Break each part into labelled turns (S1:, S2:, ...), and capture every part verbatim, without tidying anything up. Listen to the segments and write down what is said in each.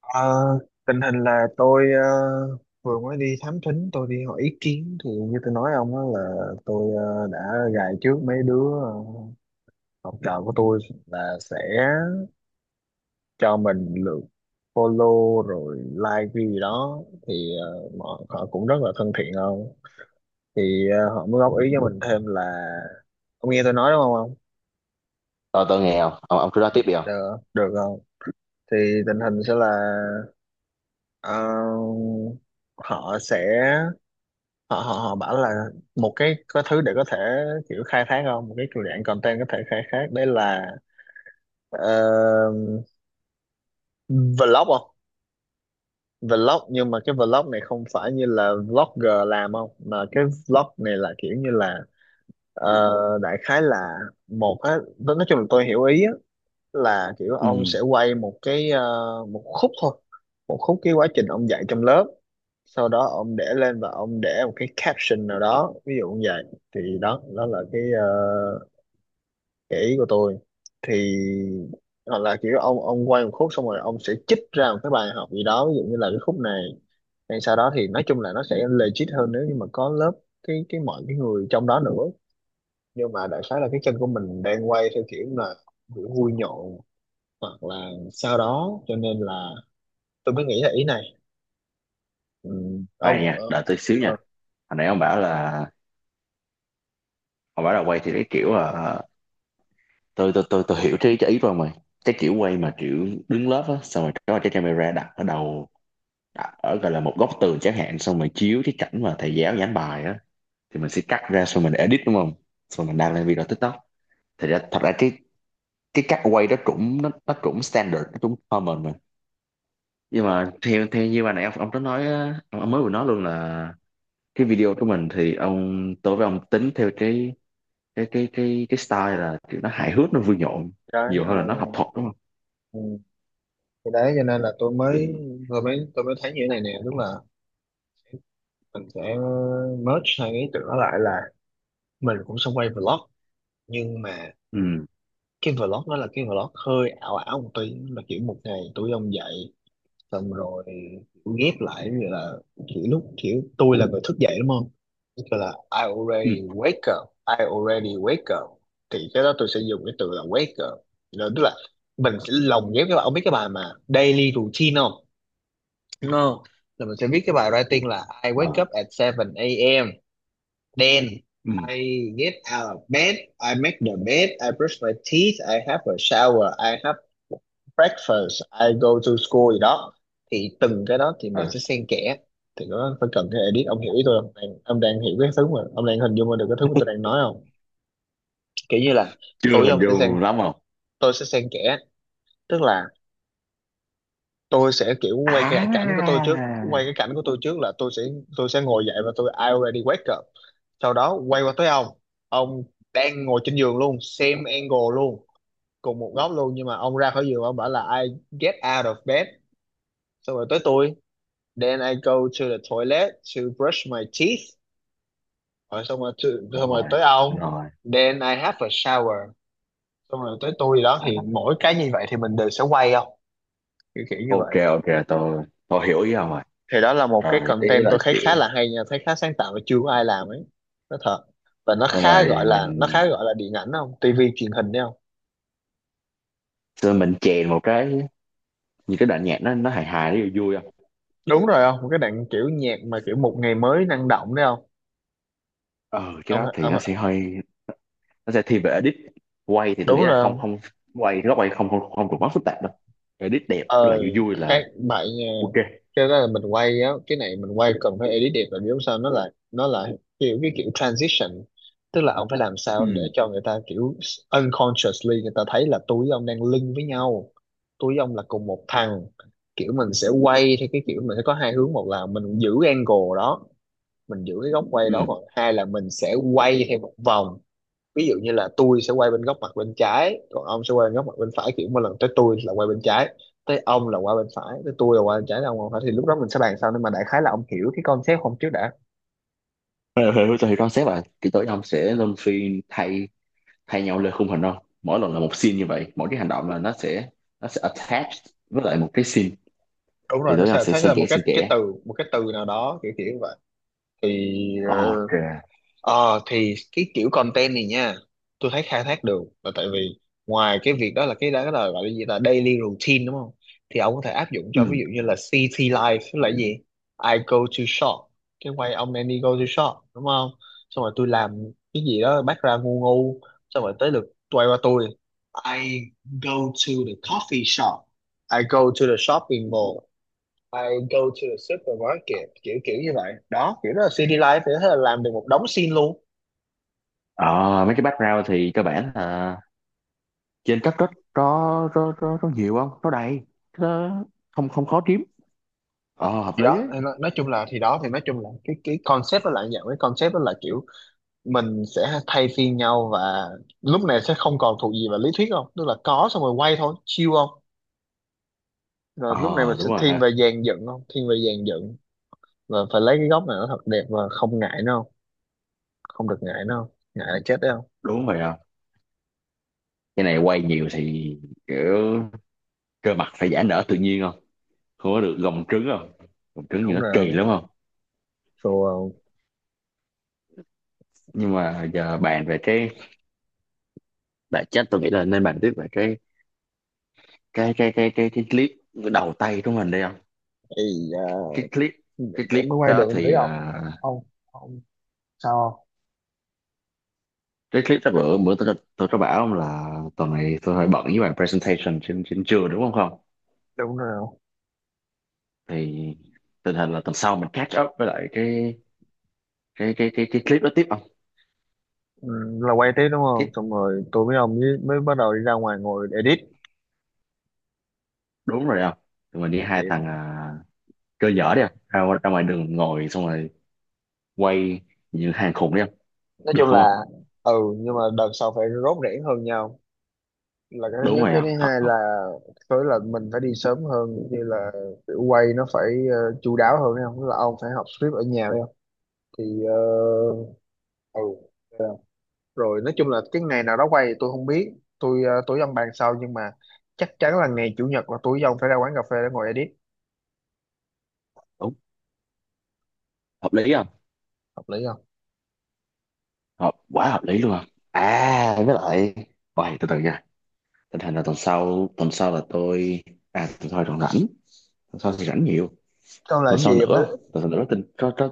S1: Ờ, Tình hình là tôi ờ, vừa mới đi thám thính, tôi đi hỏi ý kiến. Thì như tôi nói ông đó, là tôi ờ, đã gài trước mấy đứa ờ, học trò của tôi là sẽ cho mình lượt follow rồi like cái gì đó. Thì ờ, mọi họ cũng rất là thân thiện không. Thì ờ, họ mới góp ý cho mình thêm là ông nghe tôi nói đúng không ông?
S2: Tôi tôi nghe không? Ông, ông cứ nói tiếp đi không?
S1: Được được không? Thì tình hình sẽ là ờ, họ sẽ họ họ họ bảo là một cái có thứ để có thể kiểu khai thác không, một cái kiểu dạng content có thể khai thác đấy là ờ, vlog không. Vlog nhưng mà cái vlog này không phải như là vlogger làm không, mà cái vlog này là kiểu như là ờ, đại khái là một á. Nói chung là tôi hiểu ý á, là kiểu
S2: Ừ,
S1: ông sẽ quay một cái ờ, một khúc thôi, một khúc cái quá trình ông dạy trong lớp, sau đó ông để lên và ông để một cái caption nào đó, ví dụ như vậy. Thì đó đó là cái uh, cái ý của tôi. Thì hoặc là kiểu ông ông quay một khúc xong rồi ông sẽ chích ra một cái bài học gì đó, ví dụ như là cái khúc này. Hay sau đó thì nói chung là nó sẽ legit hơn nếu như mà có lớp, cái cái mọi cái người trong đó nữa. Nhưng mà đại khái là cái chân của mình đang quay theo kiểu là kiểu vui nhộn, hoặc là sau đó, cho nên là tôi mới nghĩ là ý này. Ừ, ông
S2: khoan nha,
S1: ờ,
S2: đợi tôi xíu nha.
S1: ờ,
S2: Hồi nãy ông bảo là ông bảo là quay thì cái kiểu là ờ, tôi tôi tôi tôi hiểu cái, cái ý của ông rồi. Cái kiểu quay mà kiểu đứng lớp á, xong rồi có cái camera đặt ở đầu, đặt ở gọi là một góc tường chẳng hạn, xong rồi chiếu cái cảnh mà thầy giáo giảng bài á thì mình sẽ cắt ra xong mình edit đúng không? Xong mình đăng lên video TikTok. Thật ra thật ra cái cái cách quay đó cũng nó, nó cũng standard, nó cũng common mà. Nhưng mà theo theo như bà nãy ông, ông có nói á, ông, ông mới vừa nói luôn là cái video của mình thì ông, tôi với ông tính theo cái cái cái cái cái style là kiểu nó hài hước nó vui nhộn
S1: cái
S2: nhiều hơn là nó học
S1: ờ,
S2: thuật đúng không?
S1: ừ, cái đấy cho nên là tôi mới,
S2: Thì
S1: vừa mới tôi mới thấy như thế này nè, tức là mình sẽ merge hai cái ý tưởng đó lại, là mình cũng sẽ quay vlog. Nhưng mà
S2: ừ,
S1: cái vlog đó là cái vlog hơi ảo ảo một tí, là kiểu một ngày tôi với ông dậy xong rồi kiểu ghép lại, như là kiểu lúc kiểu tôi là người thức dậy đúng không? Tức là I
S2: ừ,
S1: already wake up. I already wake up thì cái đó tôi sẽ dùng cái từ là wake up, là tức là mình sẽ lồng ghép cái bài. Ông biết cái bài mà daily routine không? No. Là mình sẽ viết cái bài writing là I
S2: ờ,
S1: wake up at bảy a.m. Then
S2: ừ,
S1: I get out of bed, I make the bed, I brush my teeth, I have a shower, I have breakfast, I go to school gì đó. Thì từng cái đó thì mình
S2: ờ,
S1: sẽ xen kẽ. Thì nó phải cần cái edit, ông hiểu ý tôi không? Đang, ông đang hiểu cái thứ mà, ông đang hình dung ra được cái thứ mà tôi đang nói không? Kiểu như là tôi
S2: chưa
S1: với
S2: hình
S1: ông sẽ xen,
S2: dung lắm không.
S1: tôi sẽ xen kẽ, tức là tôi sẽ kiểu quay cái cảnh của tôi
S2: À,
S1: trước, quay cái cảnh của tôi trước là tôi sẽ tôi sẽ ngồi dậy và tôi I already wake up, sau đó quay qua tới ông. Ông đang ngồi trên giường luôn, same angle luôn, cùng một góc luôn, nhưng mà ông ra khỏi giường, ông bảo là I get out of bed. Xong rồi tới tôi, then I go to the toilet to brush my teeth. Rồi xong rồi to, xong rồi
S2: rồi,
S1: tới ông,
S2: rồi,
S1: then I have a shower. Xong rồi tới tôi đó. Thì
S2: à,
S1: mỗi cái như vậy thì mình đều sẽ quay không, kiểu kiểu như
S2: ok,
S1: vậy.
S2: ok, tôi tôi hiểu ý ông rồi.
S1: Thì đó là một cái
S2: Rồi ý
S1: content tôi
S2: là
S1: thấy
S2: kiểu
S1: khá là hay nha, thấy khá sáng tạo và chưa có ai làm ấy. Nó thật và nó
S2: xong
S1: khá gọi
S2: rồi
S1: là nó
S2: mình,
S1: khá gọi là điện ảnh không, tivi truyền hình đấy không?
S2: xong rồi mình chèn một cái như cái đoạn nhạc nó nó hài hài nó vui vui không?
S1: Đúng rồi không, một cái đoạn kiểu nhạc mà kiểu một ngày mới năng động đấy không?
S2: Ờ, cái
S1: ông,
S2: đó thì
S1: ông
S2: nó sẽ hơi, nó sẽ thiên về edit. Quay thì tôi nghĩ
S1: đúng
S2: là
S1: rồi.
S2: không, không quay góc quay, không không không được quá phức tạp đâu. Edit đẹp tức là
S1: ờ
S2: vui vui
S1: Khác
S2: là
S1: bại nha.
S2: ok.
S1: Cái đó là mình quay á, cái này mình quay cần phải edit đẹp, là biết sao nó là nó là kiểu cái kiểu transition. Tức là ông phải làm sao để
S2: Ừ,
S1: cho người ta kiểu unconsciously người ta thấy là tôi với ông đang link với nhau, tôi với ông là cùng một thằng. Kiểu mình sẽ quay theo cái kiểu, mình sẽ có hai hướng: một là mình giữ angle đó, mình giữ cái góc quay
S2: ừ.
S1: đó; còn hai là mình sẽ quay theo một vòng. Ví dụ như là tôi sẽ quay bên góc mặt bên trái, còn ông sẽ quay bên góc mặt bên phải, kiểu một lần tới tôi là quay bên trái, tới ông là quay bên phải, tới tôi là quay bên trái, tới ông là quay bên phải. Thì lúc đó mình sẽ bàn sau, nhưng mà đại khái là ông hiểu cái concept không trước đã?
S2: Thế thì thì concept là kỹ tối ông sẽ luân phiên thay thay nhau lên khung hình không, mỗi lần là một scene như vậy, mỗi cái hành động là nó sẽ nó sẽ
S1: Đúng rồi,
S2: attached với lại một cái scene.
S1: đúng rồi,
S2: Thì
S1: nó
S2: tối ông
S1: sẽ
S2: sẽ
S1: thấy
S2: xen
S1: là một
S2: kẽ
S1: cái
S2: xen
S1: cái
S2: kẽ,
S1: từ, một cái từ nào đó, kiểu kiểu như vậy. thì ờ,
S2: ok.
S1: Ờ thì cái kiểu content này nha, tôi thấy khai thác được là tại vì ngoài cái việc đó, là cái đó là gọi là gì, là daily routine đúng không? Thì ông có thể áp dụng cho ví
S2: Ừ,
S1: dụ như là city life, tức là gì, I go to shop. Cái quay ông nên đi go to shop đúng không, xong rồi tôi làm cái gì đó bắt ra ngu ngu, xong rồi tới lượt quay qua tôi, I go to the coffee shop, I go to the shopping mall, I go to the supermarket, kiểu kiểu như vậy đó, kiểu đó là city life. Thì thế là làm được một đống scene luôn.
S2: ờ, mấy cái background thì cơ bản là trên cấp rất, có có có có nhiều, không có đầy nó, không không khó kiếm. Ờ, hợp
S1: Thì
S2: lý
S1: đó
S2: ấy.
S1: thì nói, nói, chung là thì đó thì nói chung là cái cái concept nó lại dạng, cái concept đó là kiểu mình sẽ thay phiên nhau. Và lúc này sẽ không còn thuộc gì vào lý thuyết không, tức là có xong rồi quay thôi, chill không. Rồi lúc này mình
S2: Ờ, đúng
S1: sẽ
S2: rồi
S1: thiên
S2: ha.
S1: về dàn dựng không, thiên về dàn dựng, và phải lấy cái góc này nó thật đẹp, và không ngại nó không, không được ngại nó không, ngại là chết đấy không.
S2: Đúng rồi không, cái này quay nhiều thì kiểu cơ mặt phải giãn nở tự nhiên không, không có được gồng trứng không, gồng trứng thì
S1: Đúng
S2: nó kỳ
S1: rồi.
S2: lắm không.
S1: Rồi
S2: Nhưng mà giờ bàn về cái bản chất, tôi nghĩ là nên bàn tiếp về cái cái cái cái cái, cái clip đầu tay của mình đây không.
S1: thì
S2: cái
S1: uh,
S2: clip cái clip
S1: cũng mới quay được
S2: đó thì
S1: thấy không?
S2: à,
S1: Ông ông sao không?
S2: cái clip đó bữa, bữa tôi tôi có bảo ông là tuần này tôi hơi bận với bài presentation trên, trên trường đúng không không?
S1: Đúng rồi.
S2: Thì tình hình là tuần sau mình catch up với lại cái cái cái cái cái clip đó tiếp không?
S1: Ừ, là quay tiếp đúng
S2: Cái,
S1: không, xong rồi tôi với ông mới, mới bắt đầu đi ra ngoài ngồi edit.
S2: đúng rồi không, tụi mình đi
S1: Chị
S2: hai thằng à, chơi dở đi không, ra, ngoài- ra ngoài đường ngồi xong rồi quay như hàng khủng đi không?
S1: nói
S2: Được
S1: chung
S2: không không?
S1: là, ừ, nhưng mà đợt sau phải rốt rẻ hơn nhau, là cái thứ
S2: Đúng
S1: nhất.
S2: rồi
S1: Cái thứ
S2: không thật
S1: hai
S2: không?
S1: là tới là mình phải đi sớm hơn, như là kiểu quay nó phải ờ, chu đáo hơn không, là ông phải học script ở nhà phải không? Thì ờ, ừ. Dạ. Rồi nói chung là cái ngày nào đó quay thì tôi không biết, tôi ờ, tôi với ông bàn sau, nhưng mà chắc chắn là ngày chủ nhật là tôi với ông phải ra quán cà phê để ngồi edit.
S2: Đúng, hợp lý không,
S1: Hợp lý không?
S2: hợp quá, hợp lý luôn không. À với lại, ôi, từ từ nha. Tình hình là tuần sau tuần sau là tôi, à tuần sau còn rảnh, tuần sau thì rảnh nhiều.
S1: Còn là
S2: Tuần sau
S1: cái gì em
S2: nữa không?
S1: biết.
S2: Tuần sau nữa tin có có.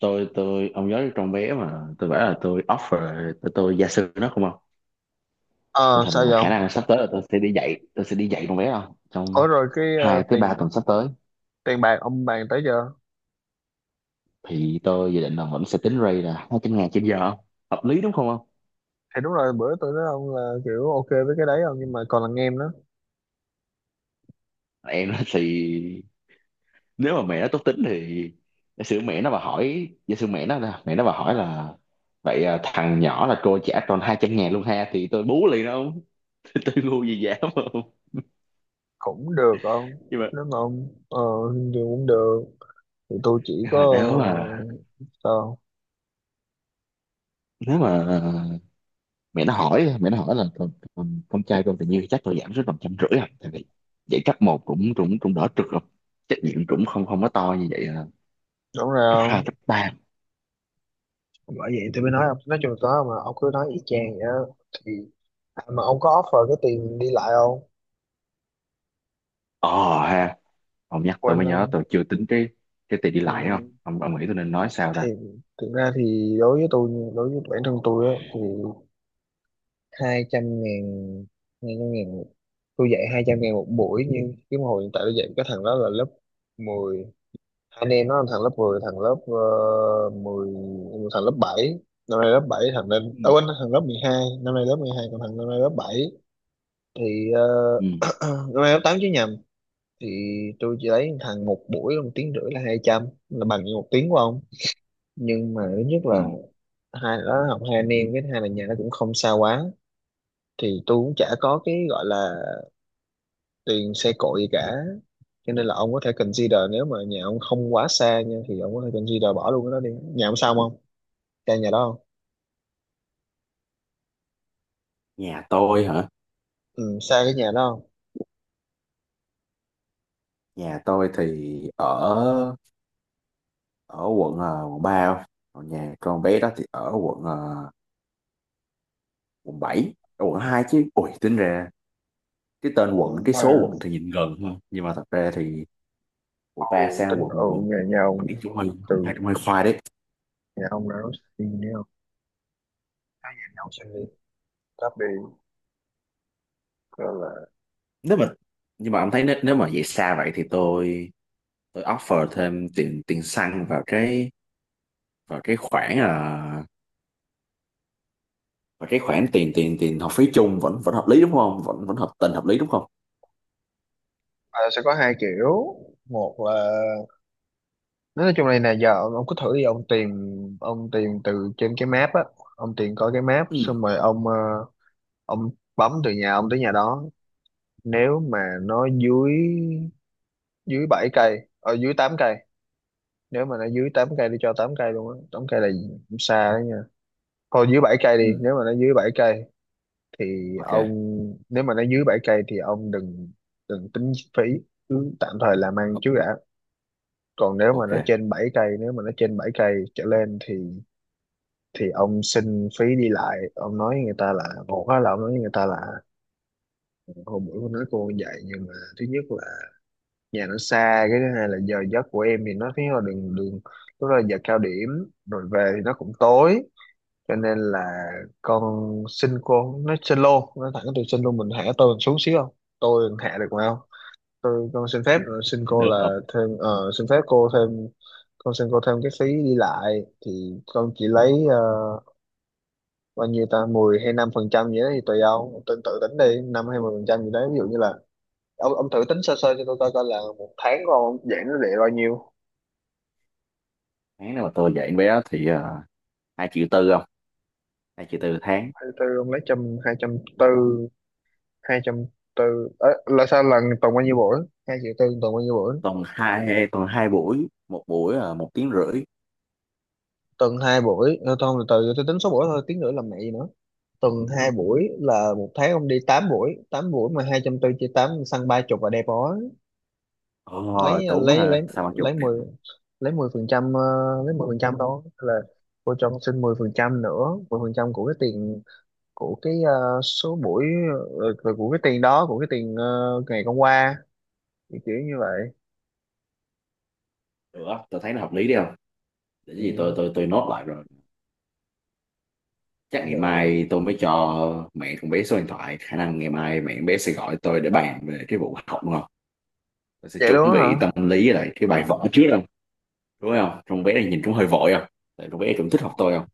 S2: Tôi tôi Ông nhớ trong vé mà tôi bảo là tôi offer, tôi, tôi gia sư nó không không? Tình
S1: ờ
S2: hình
S1: Sao vậy
S2: là khả năng
S1: ông?
S2: là sắp tới là tôi sẽ đi dạy tôi sẽ đi dạy trong vé không, trong
S1: Ủa rồi cái ờ,
S2: hai tới ba
S1: tiền
S2: tuần sắp tới.
S1: tiền bạc ông bàn tới giờ
S2: Thì tôi dự định là vẫn sẽ tính rate là hai trăm ngàn trên giờ, hợp lý đúng không không?
S1: thì đúng rồi, bữa tôi nói ông là kiểu ok với cái đấy không, nhưng mà còn là nghe em nó.
S2: Em nói thì nếu mà mẹ nó tốt tính thì giả sử mẹ nó mà hỏi, giả sử mẹ nó là mẹ nó mà hỏi là vậy à, thằng nhỏ là cô trả tròn hai trăm ngàn luôn ha, thì tôi bú liền đó không. Tôi ngu gì dám không.
S1: Cũng được không,
S2: Nhưng mà,
S1: nếu mà ông ờ thì cũng được. Thì tôi chỉ
S2: nhưng
S1: có,
S2: mà nếu mà,
S1: ờ, sao?
S2: nếu mà mẹ nó hỏi, mẹ nó hỏi là con, con, con trai con tình yêu thì chắc tôi giảm xuống tầm trăm rưỡi à, tại vì dạy cấp một cũng cũng cũng đỡ trượt rồi, trách nhiệm cũng không không có to như vậy à.
S1: Đúng rồi
S2: Cấp hai,
S1: không,
S2: cấp ba.
S1: bởi vậy tôi mới nói ông, nói chung là có, mà ông cứ nói y chang vậy đó. Thì mà ông có offer cái tiền đi lại không?
S2: Ờ ha, ông nhắc tôi
S1: Quên
S2: mới nhớ
S1: không?
S2: tôi chưa tính cái cái tiền đi
S1: Ừ.
S2: lại không. Ông, ông nghĩ tôi nên nói sao
S1: Thì
S2: ta?
S1: thực ra thì đối với tôi, đối với bản thân tôi á thì hai trăm ngàn hai trăm ngàn tôi dạy hai trăm ngàn một buổi, nhưng cái hồi hiện tại tôi dạy cái thằng đó là lớp mười, anh em nó: thằng lớp mười, thằng lớp uh, mười, thằng lớp bảy, năm nay lớp bảy, thằng lên
S2: Ừ.
S1: ở quên, thằng lớp mười hai năm nay lớp mười hai, còn thằng năm nay lớp bảy. Thì ờ,
S2: Ừ.
S1: năm nay lớp tám chứ nhầm. Thì tôi chỉ lấy thằng một buổi một tiếng rưỡi là hai trăm, là bằng như một tiếng của ông, nhưng mà thứ nhất
S2: Ừ.
S1: là hai là học hai anh em, cái thứ hai là nhà nó cũng không xa quá, thì tôi cũng chả có cái gọi là tiền xe cộ gì cả, cho nên là ông có thể consider, nếu mà nhà ông không quá xa nha thì ông có thể consider bỏ luôn cái đó đi. Nhà ông sao không? Xa nhà đó không?
S2: Nhà tôi hả?
S1: Ừ, xa cái nhà đó không?
S2: Nhà tôi thì ở, ở quận ờ, quận ba không? Còn nhà con bé đó thì ở quận ờ, quận bảy, ở quận hai chứ. Ui, tính ra cái tên quận,
S1: Ủa
S2: cái
S1: mà,
S2: số quận thì nhìn gần thôi, nhưng mà thật ra thì quận
S1: ồ,
S2: ba sang
S1: tính ở
S2: quận quận
S1: nhà nhà ông,
S2: bảy cũng hơi, cũng
S1: từ
S2: hai cũng hơi khoai đấy.
S1: nhà ông ra đó đi nữa không? Hai nhà nhau xem đi. Cấp đi, gọi là,
S2: Nếu mà, nhưng mà ông thấy nếu, nếu mà vậy xa vậy thì tôi tôi offer thêm tiền tiền xăng vào cái, vào cái khoản à, vào cái khoản tiền tiền tiền học phí chung vẫn, vẫn hợp lý đúng không, vẫn, vẫn hợp tình hợp lý đúng không?
S1: à, sẽ có hai kiểu. Một là nói chung này nè, giờ ông, ông cứ thử đi, ông tìm, ông tìm từ trên cái map á, ông tìm coi cái map,
S2: Ừ,
S1: xong rồi ông, ờ, ông bấm từ nhà ông tới nhà đó. Nếu mà nó dưới dưới bảy cây, ở dưới tám cây. Nếu mà nó dưới tám cây, đi cho tám cây luôn á, tám cây là xa đó. Thôi dưới bảy cây đi,
S2: ừ,
S1: nếu mà nó dưới bảy cây thì ông
S2: ok,
S1: nếu mà nó dưới bảy cây thì ông đừng đừng tính phí, cứ tạm thời làm ăn trước đã. Còn nếu mà nó
S2: ok,
S1: trên bảy cây, nếu mà nó trên bảy cây trở lên thì thì ông xin phí đi lại. Ông nói người ta là một á, là ông nói với người ta là hôm bữa con nói cô dạy, nhưng mà thứ nhất là nhà nó xa, cái thứ hai là giờ giấc của em, thì nó thấy là đường, đường lúc đó là giờ cao điểm, rồi về thì nó cũng tối, cho nên là con xin cô, nói xin luôn, nói thẳng từ xin luôn, mình hạ tôi mình xuống xíu không, tôi hạ được mà không. Tôi con xin phép ờ, xin cô
S2: được, được.
S1: là thêm, ờ, xin phép cô thêm, con xin cô thêm cái phí đi lại, thì con chỉ lấy ờ, bao nhiêu ta, mười hay năm phần trăm gì đó thì tùy ông tên tự tính đi, năm hay mười phần trăm gì đấy. Ví dụ như là ông ông thử tính sơ sơ cho tôi coi coi là một tháng của ông giảm nó để bao nhiêu.
S2: Tháng nào mà tôi dạy em bé thì à, hai triệu tư không, hai triệu tư tháng.
S1: Hai tư ông lấy trăm, hai trăm tư hai trăm tư, là sao, lần tuần bao nhiêu buổi? Hai triệu tư tuần bao nhiêu buổi?
S2: Tuần hai, tuần hai buổi, một buổi là một tiếng rưỡi.
S1: Tuần hai buổi. Ờ, Thôi từ từ tôi tính số buổi thôi, tiếng nữa làm mẹ gì nữa. Tuần hai buổi là một tháng ông đi tám buổi, tám buổi mà hai trăm tư chia tám săn ba chục và đẹp đó.
S2: Ờ,
S1: Lấy
S2: đúng
S1: lấy
S2: ha,
S1: lấy
S2: sao mà chục.
S1: lấy mười, lấy mười phần trăm, ờ, lấy mười phần trăm đó là cô cho con xin mười phần trăm nữa, mười phần trăm của cái tiền, của cái ờ, số buổi, ờ, của của cái tiền đó, của cái tiền ờ, ngày hôm qua, kiểu như vậy.
S2: Được á, tôi thấy nó hợp lý đi không. Để cái
S1: Ừ,
S2: gì tôi, tôi tôi nốt lại rồi. Chắc ngày
S1: được.
S2: mai tôi mới cho mẹ con bé số điện thoại. Khả năng ngày mai mẹ con bé sẽ gọi tôi để bàn về cái vụ học đúng không? Tôi sẽ
S1: Vậy luôn
S2: chuẩn
S1: á
S2: bị tâm
S1: hả?
S2: lý với lại cái bài vở trước không? Đúng không? Con bé này nhìn cũng hơi vội không? Tại con bé cũng thích học tôi không?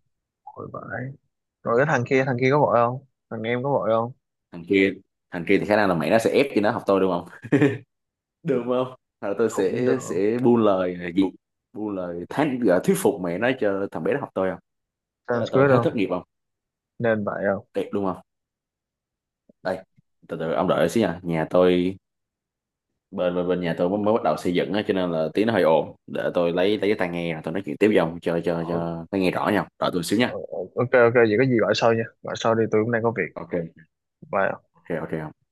S1: Ôi vãi. Rồi cái thằng kia, thằng kia có vội không? Thằng em có vội không?
S2: Thằng kia, Thằng kia thì khả năng là mẹ nó sẽ ép cho nó học tôi đúng không? Được không? Rồi tôi
S1: Cũng được
S2: sẽ
S1: không?
S2: sẽ buôn lời gì? Buôn lời thán gọi thuyết phục mẹ nó cho thằng bé nó học tôi không? Thế là
S1: Sanskrit
S2: tôi hết
S1: không?
S2: thất nghiệp không?
S1: Nên vậy không?
S2: Đẹp đúng không? Đây, từ từ ông đợi xíu nha. Nhà tôi, bên bên bên nhà tôi mới mới bắt đầu xây dựng á cho nên là tiếng nó hơi ồn, để tôi lấy lấy cái tai nghe rồi tôi nói chuyện tiếp với ông cho cho
S1: Ờ,
S2: cho nó nghe rõ nhau, rồi tôi xíu
S1: ờ,
S2: nha.
S1: ờ, ok ok vậy có gì gọi sau nha. Gọi sau đi, tôi cũng đang có việc.
S2: Ok,
S1: Bye.
S2: ok, ok.